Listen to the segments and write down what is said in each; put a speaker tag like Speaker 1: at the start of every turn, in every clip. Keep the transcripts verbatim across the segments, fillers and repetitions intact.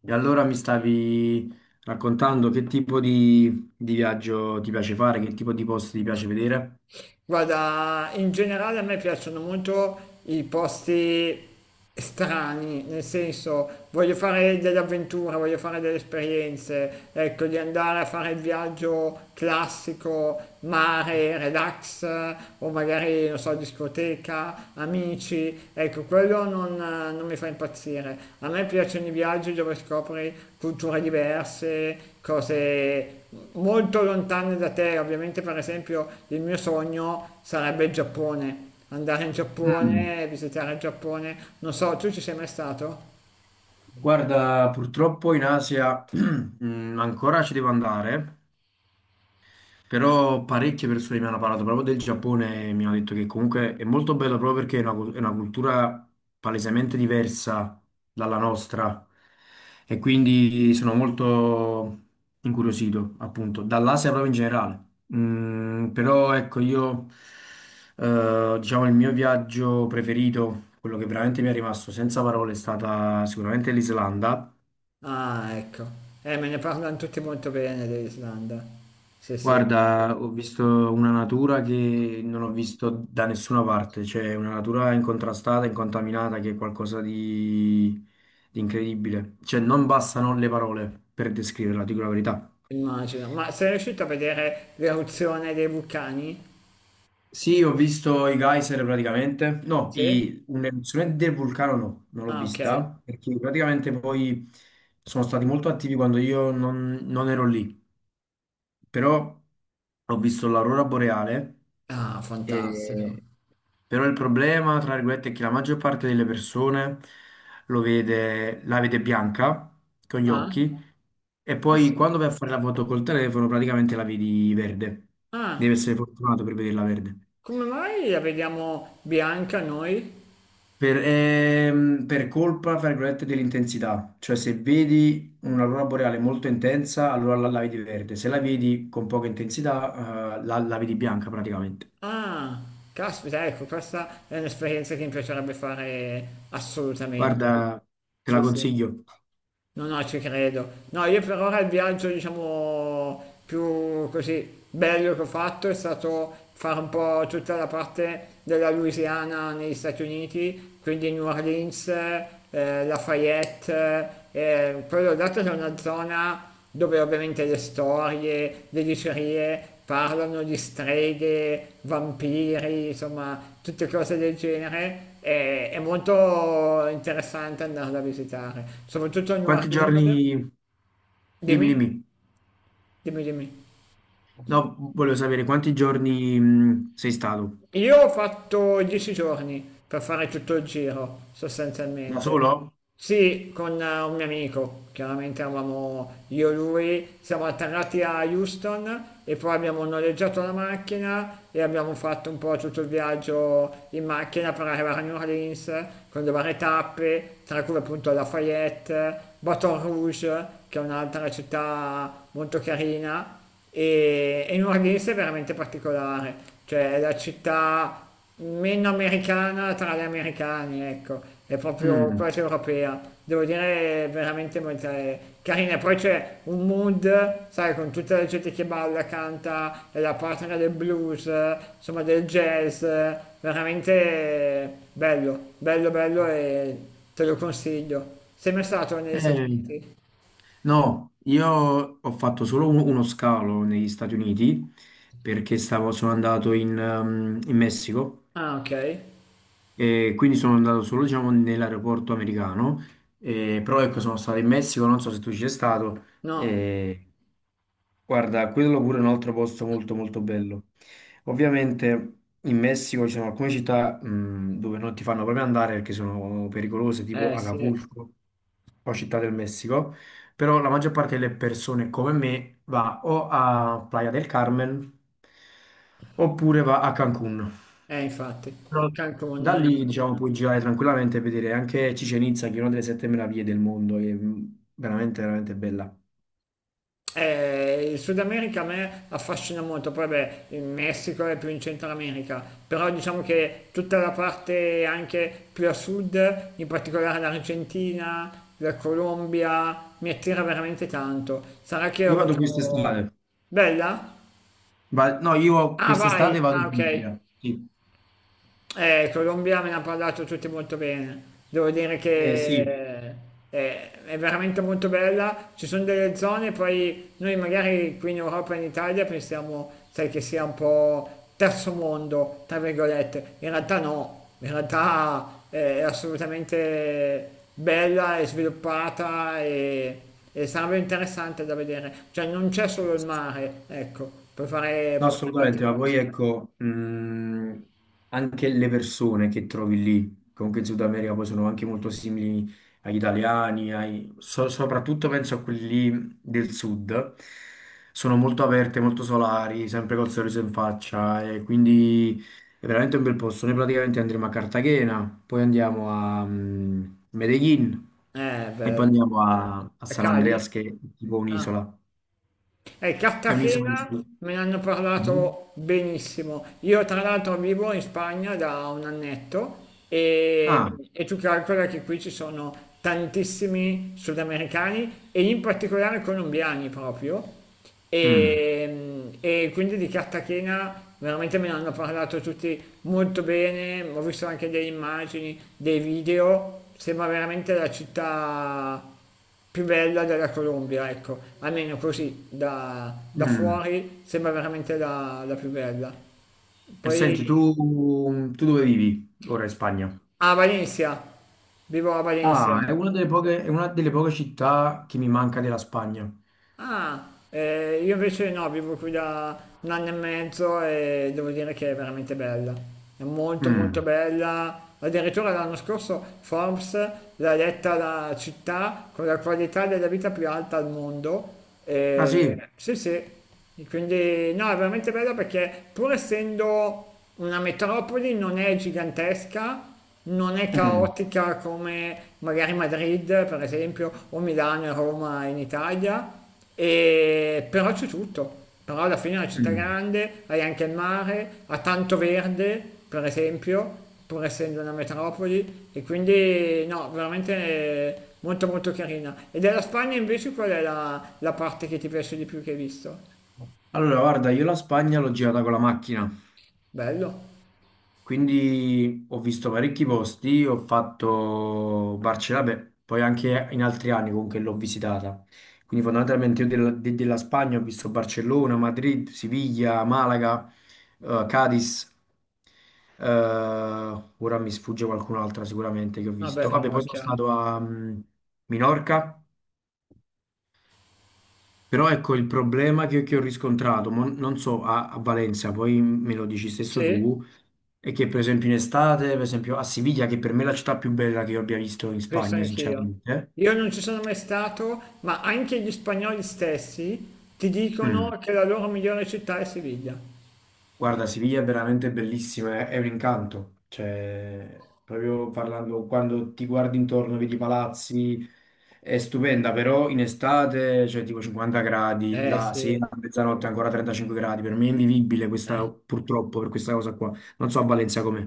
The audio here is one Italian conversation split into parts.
Speaker 1: E allora mi stavi raccontando che tipo di, di viaggio ti piace fare, che tipo di posti ti piace vedere?
Speaker 2: Guarda, in generale a me piacciono molto i posti strani, nel senso voglio fare delle avventure, voglio fare delle esperienze, ecco, di andare a fare il viaggio classico, mare, relax, o magari, non so, discoteca, amici, ecco, quello non, non mi fa impazzire. A me piacciono i viaggi dove scopri culture diverse, cose molto lontane da te, ovviamente per esempio il mio sogno sarebbe il Giappone, andare in
Speaker 1: Mm,
Speaker 2: Giappone, visitare il Giappone, non so, tu ci sei mai stato?
Speaker 1: guarda, purtroppo in Asia mm, ancora ci devo andare. Però parecchie persone mi hanno parlato proprio del Giappone e mi hanno detto che comunque è molto bello proprio perché è una, cul- è una cultura palesemente diversa dalla nostra, e quindi sono molto incuriosito appunto dall'Asia proprio in generale. Mm, però ecco io eh, diciamo, il mio viaggio preferito, quello che veramente mi è rimasto senza parole, è stata sicuramente l'Islanda.
Speaker 2: Ah, ecco, eh, me ne parlano tutti molto bene dell'Islanda, sì sì,
Speaker 1: Guarda, ho visto una natura che non ho visto da nessuna parte, cioè una natura incontrastata, incontaminata, che è qualcosa di, di incredibile. Cioè, non bastano le parole per descriverla, dico la verità.
Speaker 2: immagino, ma sei riuscito a vedere l'eruzione dei vulcani?
Speaker 1: Sì, ho visto i geyser praticamente. No,
Speaker 2: Sì?
Speaker 1: i- un'eruzione del vulcano no, non l'ho
Speaker 2: Ah, ok,
Speaker 1: vista, perché praticamente poi sono stati molto attivi quando io non non ero lì. Però ho visto l'aurora boreale,
Speaker 2: ah, fantastico,
Speaker 1: e- però il problema, tra virgolette, è che la maggior parte delle persone lo vede, la vede bianca con gli
Speaker 2: ah,
Speaker 1: occhi, e
Speaker 2: ah
Speaker 1: poi
Speaker 2: sì,
Speaker 1: quando vai a fare la foto col telefono praticamente la vedi verde. Devi
Speaker 2: ah,
Speaker 1: essere fortunato per vederla verde.
Speaker 2: come mai la vediamo bianca noi?
Speaker 1: Per, ehm, per colpa, fra virgolette, dell'intensità. Cioè, se vedi un'aurora boreale molto intensa, allora la, la vedi verde; se la vedi con poca intensità, eh, la, la vedi bianca praticamente.
Speaker 2: Ah, caspita, ecco, questa è un'esperienza che mi piacerebbe fare assolutamente.
Speaker 1: Guarda, te la
Speaker 2: Sì, sì.
Speaker 1: consiglio.
Speaker 2: No, no, ci credo. No, io per ora il viaggio, diciamo, più così bello che ho fatto è stato fare un po' tutta la parte della Louisiana negli Stati Uniti, quindi New Orleans, eh, Lafayette, eh, quello dato che è una zona dove ovviamente le storie, le dicerie parlano di streghe, vampiri, insomma, tutte cose del genere. È, è molto interessante andarla a visitare, soprattutto a New
Speaker 1: Quanti
Speaker 2: Orleans.
Speaker 1: giorni, dimmi,
Speaker 2: Dimmi,
Speaker 1: dimmi,
Speaker 2: dimmi, dimmi.
Speaker 1: no, volevo sapere quanti giorni, mh, sei stato?
Speaker 2: Io ho fatto dieci giorni per fare tutto il giro,
Speaker 1: Da
Speaker 2: sostanzialmente.
Speaker 1: solo?
Speaker 2: Sì, con eh, un mio amico, chiaramente eravamo io e lui, siamo atterrati a Houston e poi abbiamo noleggiato la macchina e abbiamo fatto un po' tutto il viaggio in macchina per arrivare a New Orleans con le varie tappe, tra cui appunto Lafayette, Baton Rouge, che è un'altra città molto carina e, e Nordis è veramente particolare, cioè è la città meno americana tra gli americani, ecco, è proprio
Speaker 1: Mm.
Speaker 2: quasi europea, devo dire è veramente molto è carina. E poi c'è un mood, sai, con tutta la gente che balla, canta, è la patria del blues, eh, insomma del jazz, eh, veramente bello, bello, bello e te lo consiglio. Sei mai stato negli Stati
Speaker 1: Eh,
Speaker 2: Uniti?
Speaker 1: no, io ho fatto solo un- uno scalo negli Stati Uniti, perché stavo, sono andato in, ehm, in Messico.
Speaker 2: Ah, ok.
Speaker 1: E quindi sono andato solo, diciamo, nell'aeroporto americano. Eh, però ecco, sono stato in Messico, non so se tu ci sei stato.
Speaker 2: No,
Speaker 1: Eh, guarda, quello pure è un altro posto molto molto bello. Ovviamente in Messico ci sono alcune città, mh, dove non ti fanno proprio andare perché sono pericolose, tipo
Speaker 2: eh sì.
Speaker 1: Acapulco o Città del Messico, però la maggior parte delle persone come me va o a Playa del Carmen oppure va a Cancun.
Speaker 2: Eh, infatti,
Speaker 1: Da lì,
Speaker 2: Cancun,
Speaker 1: diciamo, puoi girare tranquillamente e vedere anche Chichén Itzá, che è una delle sette meraviglie del mondo, che è veramente, veramente bella.
Speaker 2: eh, eh, il Sud America a me affascina molto, poi beh, il Messico è più in Centro America, però diciamo che tutta la parte anche più a sud, in particolare l'Argentina, la Colombia, mi attira veramente tanto. Sarà che ho
Speaker 1: Io vado
Speaker 2: avuto...
Speaker 1: quest'estate.
Speaker 2: Bella?
Speaker 1: Va- no, io
Speaker 2: Ah, vai!
Speaker 1: quest'estate vado
Speaker 2: Ah,
Speaker 1: in
Speaker 2: ok.
Speaker 1: Puglia. Sì.
Speaker 2: Eh, il Colombia me ne ha parlato tutti molto bene. Devo dire
Speaker 1: Eh, sì.
Speaker 2: che eh, è veramente molto bella. Ci sono delle zone, poi noi magari qui in Europa e in Italia pensiamo, sai, che sia un po' terzo mondo, tra virgolette. In realtà no, in realtà eh, è assolutamente bella e sviluppata e, e sarebbe interessante da vedere. Cioè non c'è solo il mare, ecco, puoi fare,
Speaker 1: No,
Speaker 2: puoi fare tante
Speaker 1: assolutamente, ma poi
Speaker 2: cose.
Speaker 1: ecco, mh, anche le persone che trovi lì, comunque in Sud America, poi sono anche molto simili agli italiani, ai- so- soprattutto penso a quelli lì del sud, sono molto aperte, molto solari, sempre col sorriso in faccia, e quindi è veramente un bel posto. Noi praticamente andremo a Cartagena, poi andiamo a mh, Medellin,
Speaker 2: Eh,
Speaker 1: e poi
Speaker 2: bello.
Speaker 1: andiamo a, a
Speaker 2: A
Speaker 1: San Andreas,
Speaker 2: Cali?
Speaker 1: che è tipo
Speaker 2: Ah,
Speaker 1: un'isola.
Speaker 2: eh,
Speaker 1: È un'isola. Che
Speaker 2: Cartagena
Speaker 1: si-
Speaker 2: me ne hanno
Speaker 1: Mhm.
Speaker 2: parlato benissimo. Io tra l'altro vivo in Spagna da un annetto e,
Speaker 1: Ah,
Speaker 2: e tu calcola che qui ci sono tantissimi sudamericani e in particolare colombiani proprio.
Speaker 1: mm.
Speaker 2: E, e quindi di Cartagena veramente me ne hanno parlato tutti molto bene, ho visto anche delle immagini, dei video, sembra veramente la città più bella della Colombia, ecco, almeno così da, da
Speaker 1: Mm.
Speaker 2: fuori sembra veramente la, la più bella.
Speaker 1: E senti, tu,
Speaker 2: Poi
Speaker 1: tu dove vivi ora in Spagna?
Speaker 2: a Valencia, vivo a Valencia.
Speaker 1: Ah, è una delle poche, è una delle poche città che mi manca della Spagna.
Speaker 2: Ah, eh, io invece no, vivo qui da un anno e mezzo e devo dire che è veramente bella. È molto molto
Speaker 1: Mm.
Speaker 2: bella. Addirittura l'anno scorso Forbes l'ha eletta la città con la qualità della vita più alta al mondo.
Speaker 1: Ah sì?
Speaker 2: E, sì, sì. E quindi no, è veramente bella perché pur essendo una metropoli non è gigantesca, non è
Speaker 1: Mm.
Speaker 2: caotica come magari Madrid, per esempio, o Milano e Roma in Italia. e- Però c'è tutto. Però alla fine è una città
Speaker 1: Mm.
Speaker 2: grande, hai anche il mare, ha tanto verde, per esempio, pur essendo una metropoli, e quindi no, veramente molto molto carina. E della Spagna invece qual è la, la parte che ti piace di più che hai visto?
Speaker 1: Allora, guarda, io la Spagna l'ho girata con la macchina.
Speaker 2: Bello.
Speaker 1: Quindi ho visto parecchi posti, ho fatto Barcellona, beh, poi anche in altri anni comunque l'ho visitata. Quindi fondamentalmente io della, de- della Spagna ho visto Barcellona, Madrid, Siviglia, Malaga, eh, Cadiz, eh, ora mi sfugge qualcun'altra sicuramente che ho visto.
Speaker 2: Vabbè,
Speaker 1: Vabbè,
Speaker 2: però è
Speaker 1: poi sono
Speaker 2: chiaro.
Speaker 1: stato a mm, Minorca, però ecco il problema che, che ho riscontrato, mo non so a, a Valencia, poi me lo dici stesso
Speaker 2: Sì,
Speaker 1: tu, è che per esempio in estate, per esempio a Siviglia, che per me è la città più bella che io abbia visto in
Speaker 2: penso
Speaker 1: Spagna,
Speaker 2: anch'io.
Speaker 1: sinceramente,
Speaker 2: Io non ci sono mai stato, ma anche gli spagnoli stessi ti
Speaker 1: mm,
Speaker 2: dicono che la loro migliore città è Siviglia.
Speaker 1: guarda, Siviglia è veramente bellissima, è è un incanto, cioè, proprio parlando, quando ti guardi intorno, vedi i palazzi, è stupenda, però in estate c'è tipo cinquanta gradi,
Speaker 2: Eh
Speaker 1: la
Speaker 2: sì,
Speaker 1: sera a mezzanotte ancora trentacinque gradi, per me è invivibile questa,
Speaker 2: eh.
Speaker 1: purtroppo, per questa cosa qua, non so a Valencia com'è.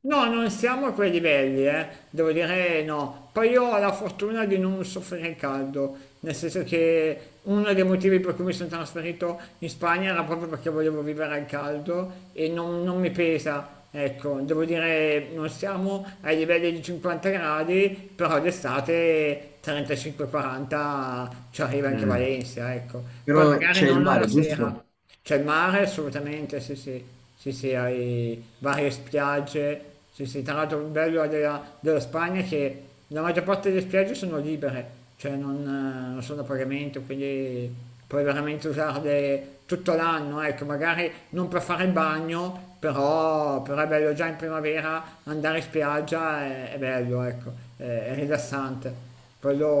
Speaker 2: No, non siamo a quei livelli, eh. Devo dire eh, no. Poi io ho la fortuna di non soffrire il caldo, nel senso che uno dei motivi per cui mi sono trasferito in Spagna era proprio perché volevo vivere al caldo e non, non mi pesa. Ecco, devo dire non siamo ai livelli di cinquanta gradi, però d'estate trentacinque ai quaranta ci arriva anche
Speaker 1: Mm.
Speaker 2: Valencia, ecco. Poi
Speaker 1: Però
Speaker 2: magari
Speaker 1: c'è il
Speaker 2: non
Speaker 1: mare,
Speaker 2: alla sera.
Speaker 1: giusto?
Speaker 2: C'è il mare assolutamente, sì sì, sì sì, hai varie spiagge, sì sì, tra l'altro il bello della, della Spagna è che la maggior parte delle spiagge sono libere, cioè non, eh, non sono a pagamento, quindi puoi veramente usarle tutto l'anno, ecco, magari non per fare il bagno, però, però è bello già in primavera andare in spiaggia, è, è bello, ecco, è, è rilassante,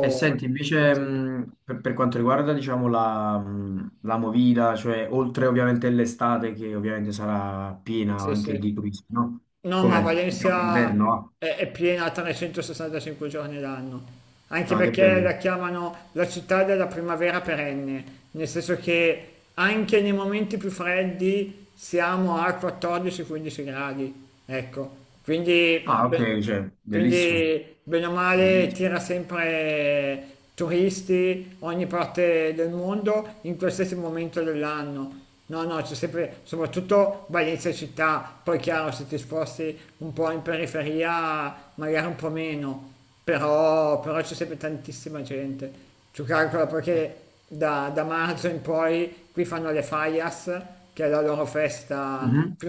Speaker 1: E senti,
Speaker 2: sì
Speaker 1: invece
Speaker 2: sì,
Speaker 1: mh, per, per quanto riguarda diciamo, la, mh, la Movida, cioè oltre ovviamente l'estate che ovviamente sarà piena
Speaker 2: sì,
Speaker 1: anche di
Speaker 2: sì.
Speaker 1: turisti, no?
Speaker 2: No, ma
Speaker 1: Com'è? Diciamo
Speaker 2: Valencia
Speaker 1: l'inverno, ah.
Speaker 2: è, è piena trecentosessantacinque giorni l'anno, anche
Speaker 1: Ah, che
Speaker 2: perché la
Speaker 1: bello.
Speaker 2: chiamano la città della primavera perenne, nel senso che anche nei momenti più freddi siamo a quattordici quindici gradi, ecco, quindi
Speaker 1: Ah,
Speaker 2: beh,
Speaker 1: ok, cioè, bellissimo,
Speaker 2: quindi, bene o male,
Speaker 1: bellissimo.
Speaker 2: tira sempre turisti, ogni parte del mondo, in qualsiasi momento dell'anno. No, no, c'è sempre, soprattutto Valencia città, poi chiaro, se ti sposti un po' in periferia, magari un po' meno, però, però c'è sempre tantissima gente. Tu calcola perché da, da marzo in poi qui fanno le Fallas, che è la loro festa
Speaker 1: Mhm.
Speaker 2: più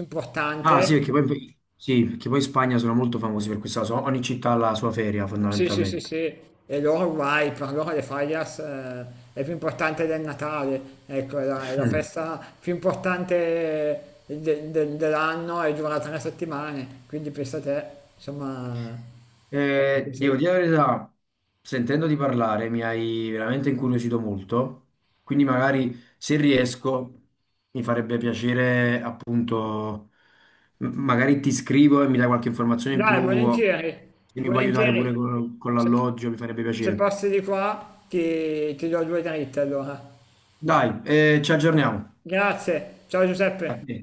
Speaker 1: Ah, sì,
Speaker 2: importante.
Speaker 1: perché poi, sì, perché poi in Spagna sono molto famosi per questa cosa, ogni città ha la sua feria
Speaker 2: Sì, sì, sì,
Speaker 1: fondamentalmente.
Speaker 2: sì, e loro vai, per loro le Fallas eh, è più importante del Natale, ecco, è la, è la festa più importante de- de- dell'anno e dura tre settimane, quindi pensa te, insomma, eh, è
Speaker 1: Eh, devo
Speaker 2: così.
Speaker 1: dire la verità, sentendoti parlare mi hai veramente incuriosito molto, quindi magari se riesco mi farebbe piacere appunto, m- magari ti scrivo e mi dai qualche informazione in
Speaker 2: Dai,
Speaker 1: più,
Speaker 2: volentieri,
Speaker 1: se mi puoi aiutare pure
Speaker 2: volentieri,
Speaker 1: con, con
Speaker 2: se,
Speaker 1: l'alloggio mi farebbe
Speaker 2: se
Speaker 1: piacere.
Speaker 2: passi di qua ti, ti do due dritte allora.
Speaker 1: Dai, eh, ci aggiorniamo.
Speaker 2: Grazie, ciao
Speaker 1: A
Speaker 2: Giuseppe.
Speaker 1: te.